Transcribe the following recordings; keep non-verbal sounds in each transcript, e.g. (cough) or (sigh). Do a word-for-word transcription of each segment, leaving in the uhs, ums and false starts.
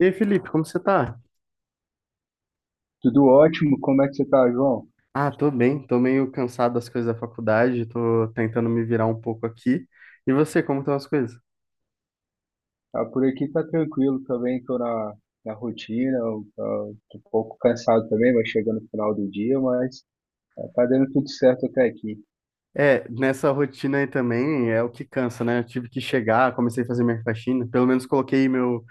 E aí, Felipe, como você tá? Tudo ótimo, como é que você tá, João? Ah, tô bem, tô meio cansado das coisas da faculdade, tô tentando me virar um pouco aqui. E você, como estão as coisas? Ah, por aqui tá tranquilo também, tô na, na rotina, eu, ah, tô um pouco cansado também, vai chegando no final do dia, mas ah, tá dando tudo certo até aqui. É, nessa rotina aí também é o que cansa, né? Eu tive que chegar, comecei a fazer minha faxina, pelo menos coloquei meu.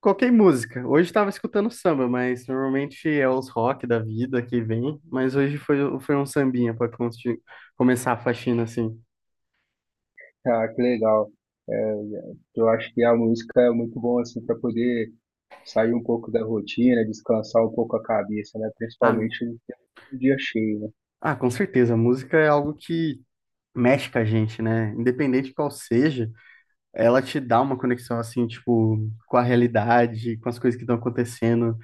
Coloquei música. Hoje tava escutando samba, mas normalmente é os rock da vida que vem, mas hoje foi, foi um sambinha pra consti- começar a faxina assim. Ah, que legal. É, eu acho que a música é muito bom assim para poder sair um pouco da rotina, descansar um pouco a cabeça, né? Ah, Principalmente no dia cheio, né? ah, com certeza, a música é algo que mexe com a gente, né? Independente de qual seja. Ela te dá uma conexão assim, tipo, com a realidade, com as coisas que estão acontecendo,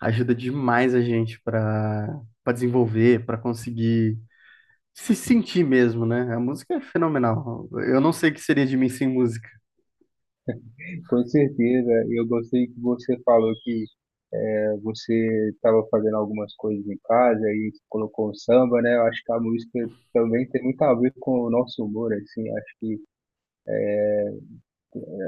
ajuda demais a gente para para desenvolver, para conseguir se sentir mesmo, né? A música é fenomenal. Eu não sei o que seria de mim sem música. Com certeza, eu gostei que você falou que eh, você estava fazendo algumas coisas em casa e colocou o samba, né? Eu acho que a música também tem muito a ver com o nosso humor, assim. Acho que eh,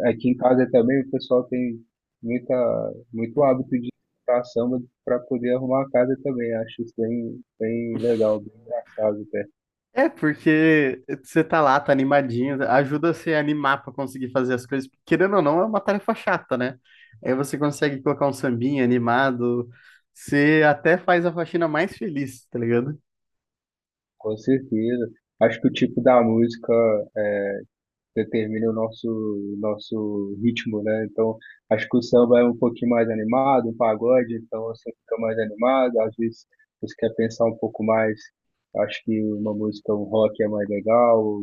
aqui em casa também o pessoal tem muita, muito hábito de escutar samba para poder arrumar a casa também. Acho isso bem, bem legal, bem engraçado, até. É porque você tá lá, tá animadinho, ajuda você a animar para conseguir fazer as coisas. Querendo ou não, é uma tarefa chata, né? Aí você consegue colocar um sambinha animado, você até faz a faxina mais feliz, tá ligado? Com certeza. Acho que o tipo da música é, determina o nosso, nosso ritmo, né? Então, acho que o samba é um pouquinho mais animado, um pagode, então você fica mais animado, às vezes você quer pensar um pouco mais, acho que uma música, um rock é mais legal,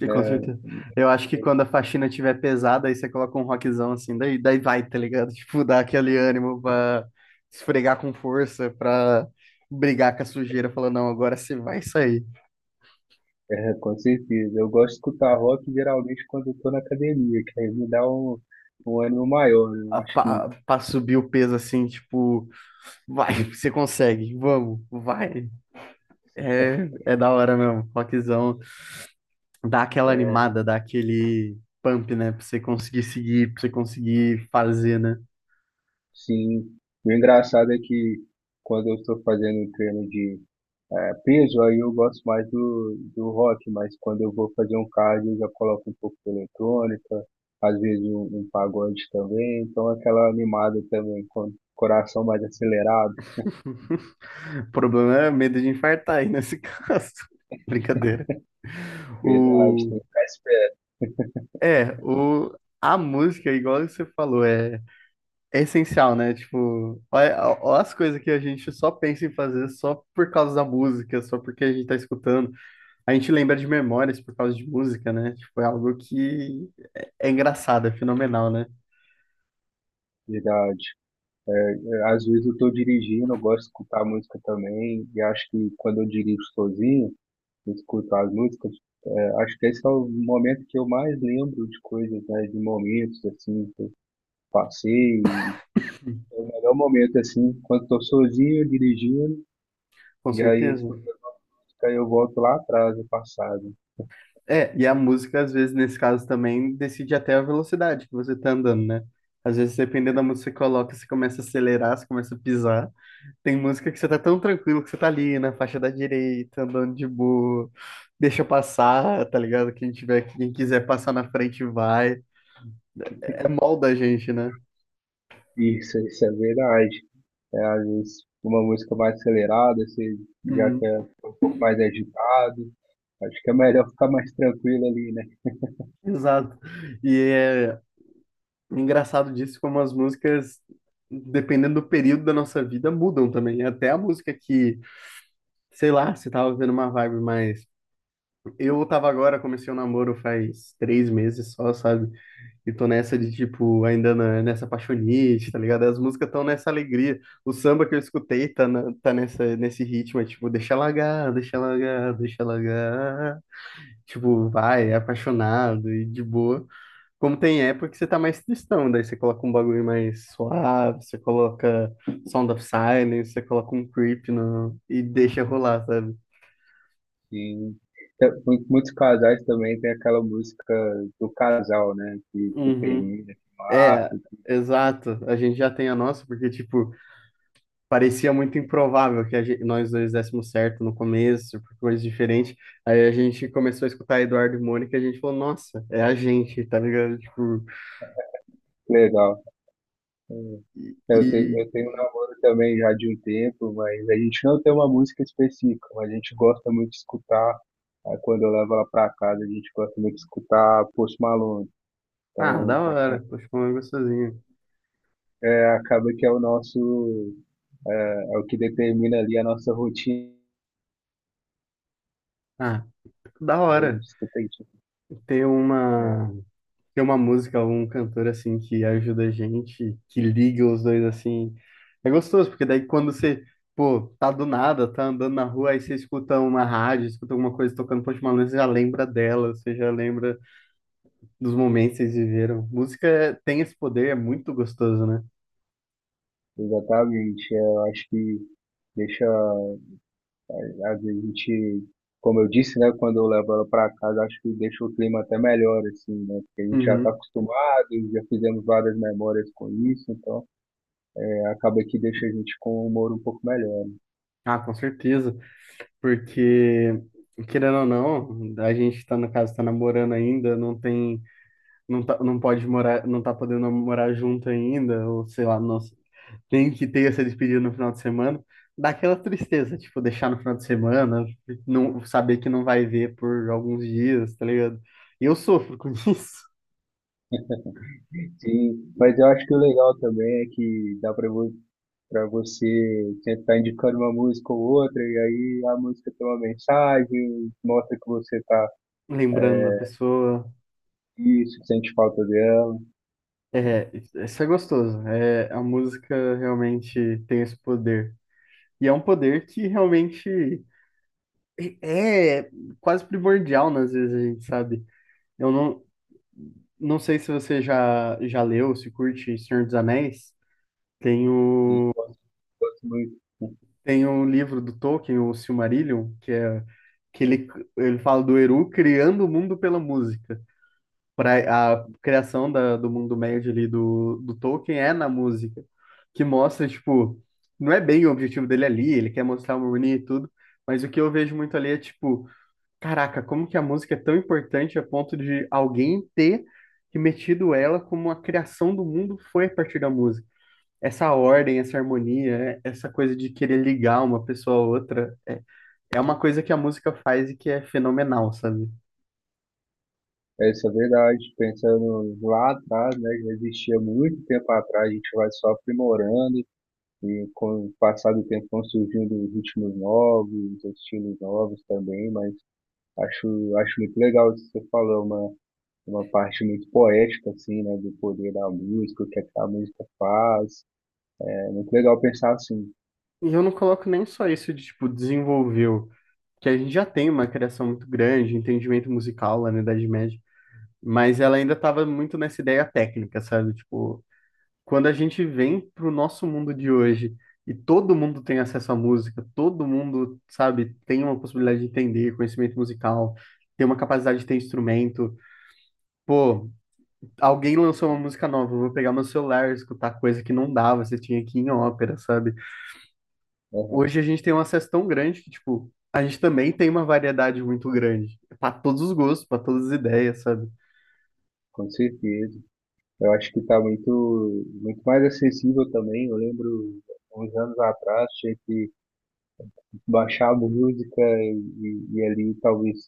E com né? certeza. Eu acho que quando a faxina tiver pesada, aí você coloca um rockzão assim, daí, daí vai, tá ligado? (laughs) Tipo, dá aquele ânimo pra esfregar com força, pra brigar com a sujeira, falar, não, agora você vai sair. É, é, com certeza. Eu gosto de escutar rock geralmente quando eu tô na academia, que aí me dá um, um ânimo maior, né? Eu A acho que pa- Pra, subir o peso assim, tipo, vai, (laughs) você consegue, vamos, vai. É, (laughs) é da hora mesmo, rockzão. Dá aquela animada, dá aquele pump, né? Pra você conseguir seguir, pra você conseguir fazer, né? Sim. O engraçado é que quando eu estou fazendo treino de eh, peso, aí eu gosto mais do, do rock, mas quando eu vou fazer um cardio, eu já coloco um pouco de eletrônica, às vezes um, um pagode também, então aquela animada também, com o coração mais acelerado. (laughs) O problema era medo de infartar aí nesse caso. (laughs) Brincadeira. Verdade, O... tem que ficar esperto, É, o... a música, igual você falou, é, é essencial, né? Tipo, olha, olha as coisas que a gente só pensa em fazer só por causa da música, só porque a gente tá escutando. A gente lembra de memórias por causa de música, né? Tipo, é algo que é é engraçado, é fenomenal, né? verdade. É, é, às vezes eu estou dirigindo, eu gosto de escutar música também, e acho que quando eu dirijo sozinho, eu escuto as músicas. Acho que esse é o momento que eu mais lembro de coisas, né? De momentos, assim, que eu passei. É o melhor momento, assim, quando estou sozinho, dirigindo, Com e aí certeza. escutando música, aí eu volto lá atrás, no passado, É, e a música, às vezes, nesse caso também, decide até a velocidade que você tá andando, né? Às vezes, né? dependendo da música que você coloca, você começa a acelerar, você começa a pisar. Tem música que você tá tão tranquilo que você tá ali na faixa da direita, andando de boa, deixa passar, tá ligado? Quem tiver, quem quiser passar na frente vai. É molda a gente, né? Isso, isso é verdade. É, às vezes, uma música mais acelerada, você já Hum, quer ficar um pouco mais agitado. Acho que é melhor ficar mais tranquilo ali, né? exato. E é engraçado disso como as músicas, dependendo do período da nossa vida, mudam também. Até a música que sei lá, você tava vivendo uma vibe mais. Eu tava agora, comecei o namoro faz três meses só, sabe? E tô nessa de, tipo, ainda na- nessa apaixonite, tá ligado? As músicas estão nessa alegria. O samba que eu escutei tá, na- tá nessa, nesse ritmo, é tipo, deixa largar, deixa largar, deixa largar. Tipo, vai, é apaixonado e de boa. Como tem época que você tá mais tristão, daí você coloca um bagulho mais suave, você coloca Sound of Silence, você coloca um creep no... e deixa rolar, sabe? Sim. Tem- mu- Muitos casais também tem aquela música do casal, né? Que, que Uhum. termina, que É, marca. exato. A gente já tem a nossa, porque, tipo, parecia muito improvável que a gente- nós dois dessemos certo no começo, por coisas diferentes. Aí a gente começou a escutar Eduardo e Mônica e a gente falou, nossa, é a gente, tá ligado? Tipo, Legal. Hum. e... Eu tenho, e- eu tenho um namoro também já de um tempo, mas a gente não tem uma música específica, mas a gente gosta muito de escutar. Aí quando eu levo ela pra casa, a gente gosta muito de escutar Post Malone. Ah, Então, da aca- hora. Tô ficando gostosinho. é, acaba que é o nosso, é, é o que determina ali a nossa rotina. Ah, da A hora. gente escuta isso, Ter né? uma... ter uma música, um cantor assim que ajuda a gente, que liga os dois assim. É gostoso, porque daí quando você, pô, tá do nada, tá andando na rua, aí você escuta uma rádio, escuta alguma coisa tocando Post Malone, você já lembra dela, você já lembra dos momentos que vocês viveram. Música é- tem esse poder, é muito gostoso, né? Exatamente. é, Eu acho que deixa. Às vezes a gente, como eu disse, né, quando eu levo ela para casa, acho que deixa o clima até melhor, assim, né? Porque a gente já está Uhum. acostumado, já fizemos várias memórias com isso, então é, acaba que deixa a gente com um humor um pouco melhor. Ah, com certeza, porque querendo ou não, a gente tá, no caso, tá namorando ainda, não tem, não tá, não pode morar, não tá podendo morar junto ainda, ou sei lá, não. Quem que tenha se despedido no final de semana, dá aquela tristeza, tipo, deixar no final de semana, não saber que não vai ver por alguns dias, tá ligado? E eu sofro com (laughs) isso, Sim, mas eu acho que o legal também é que dá para para você tentar indicando uma música ou outra, e aí a música tem uma mensagem, mostra que você tá lembrando da pessoa. isso, sente falta dela. É, isso é gostoso. É, a música realmente tem esse poder. E é um poder que realmente é é quase primordial, né, às vezes, a gente sabe. Eu não, não sei se você já, já leu, se curte Senhor dos Anéis. Tem o, E gosto, gosto muito, Tem um livro do Tolkien, o Silmarillion, que é que ele, ele fala do Eru criando o mundo pela música. Pra, a criação da, do mundo médio ali do, do Tolkien é na música, que mostra, tipo, não é bem o objetivo dele ali, ele quer mostrar uma harmonia e tudo, mas o que eu vejo muito ali é, tipo, caraca, como que a música é tão importante a ponto de alguém ter metido ela como a criação do mundo foi a partir da música, essa ordem, essa harmonia, é- essa coisa de querer ligar uma pessoa a outra, é, é uma coisa que a música faz e que é fenomenal, sabe? essa é verdade. Pensando lá atrás, né, já existia muito tempo atrás, a gente vai só aprimorando e com o passar do tempo vão surgindo ritmos novos, estilos novos também, mas acho, acho muito legal isso que você falou, uma, uma parte muito poética, assim, né, do poder da música, o que é que a música faz. É muito legal pensar assim. E eu não coloco nem só isso de, tipo, desenvolveu, que a gente já tem uma criação muito grande, entendimento musical lá na Idade Média, mas ela ainda estava muito nessa ideia técnica, sabe? Tipo, quando a gente vem pro nosso mundo de hoje e todo mundo tem acesso à música, todo mundo, sabe, tem uma possibilidade de entender conhecimento musical, tem uma capacidade de ter instrumento, pô, alguém lançou uma Né, música nova, eu vou pegar meu celular e escutar, coisa que não dava, você tinha que ir em ópera, sabe? aham, Hoje a gente tem um acesso tão grande que, tipo, a gente também tem uma variedade muito grande, para todos os gostos, para todas as ideias, sabe? com certeza. Eu acho que está muito, muito mais acessível também. Eu lembro, uns anos atrás, tinha que baixar a música e, e ali talvez,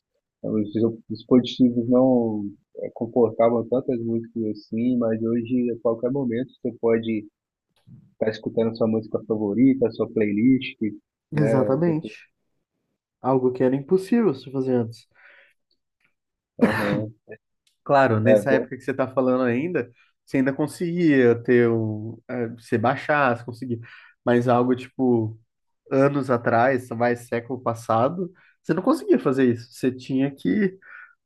os dispositivos não eh, comportavam tantas músicas assim, mas hoje a qualquer momento você pode estar escutando a sua música favorita, a sua playlist, né? Exatamente. Algo que era impossível se fazer antes. Aham. Claro, É nessa bom. época que você tá falando ainda, você ainda conseguia ter um, é, você baixar, você conseguia, mas algo tipo anos atrás, mais século passado, você não conseguia fazer isso. Você tinha que,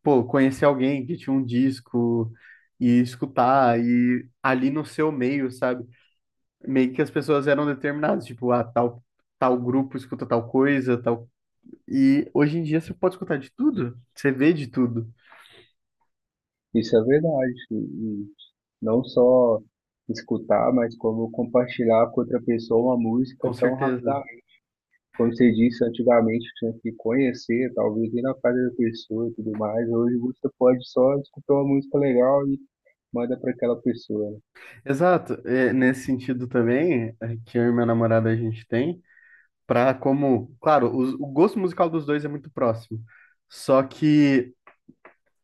pô, conhecer alguém que tinha um disco e escutar, e ali no seu meio, sabe? Meio que as pessoas eram determinadas, tipo, ah, tal, tal grupo escuta tal coisa, tal. E hoje em dia você pode escutar de tudo, você vê de tudo, Isso é verdade. E e não só escutar, mas como compartilhar com outra pessoa uma música com tão. certeza. Como você disse, antigamente tinha que conhecer, talvez ir na casa da pessoa e tudo mais. Hoje você pode só escutar uma música legal e manda para aquela pessoa, né? Exato, é, nesse sentido também, é, que eu e minha namorada a gente tem, pra como, claro, os- o gosto musical dos dois é muito próximo. Só que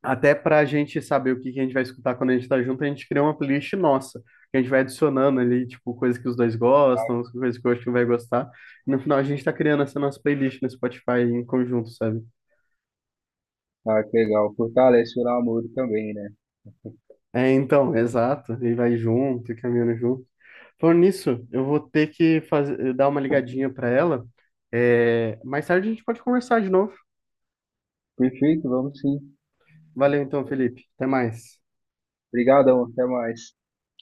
até para a gente saber o que que a gente vai escutar quando a gente tá junto, a gente cria uma playlist nossa, que a gente vai adicionando ali, tipo, coisas que os dois gostam, coisas que o outro vai gostar. E no final a gente tá criando essa nossa playlist no Spotify em conjunto, sabe? Ah, que legal. Fortalece o namoro também, né? É, então, exato. E vai junto, e caminhando junto. Falando nisso, eu vou ter que fazer, dar uma ligadinha para ela. É, mais tarde a gente pode conversar de novo. Perfeito, vamos sim. Valeu então, Felipe. Até mais. Obrigadão, até mais.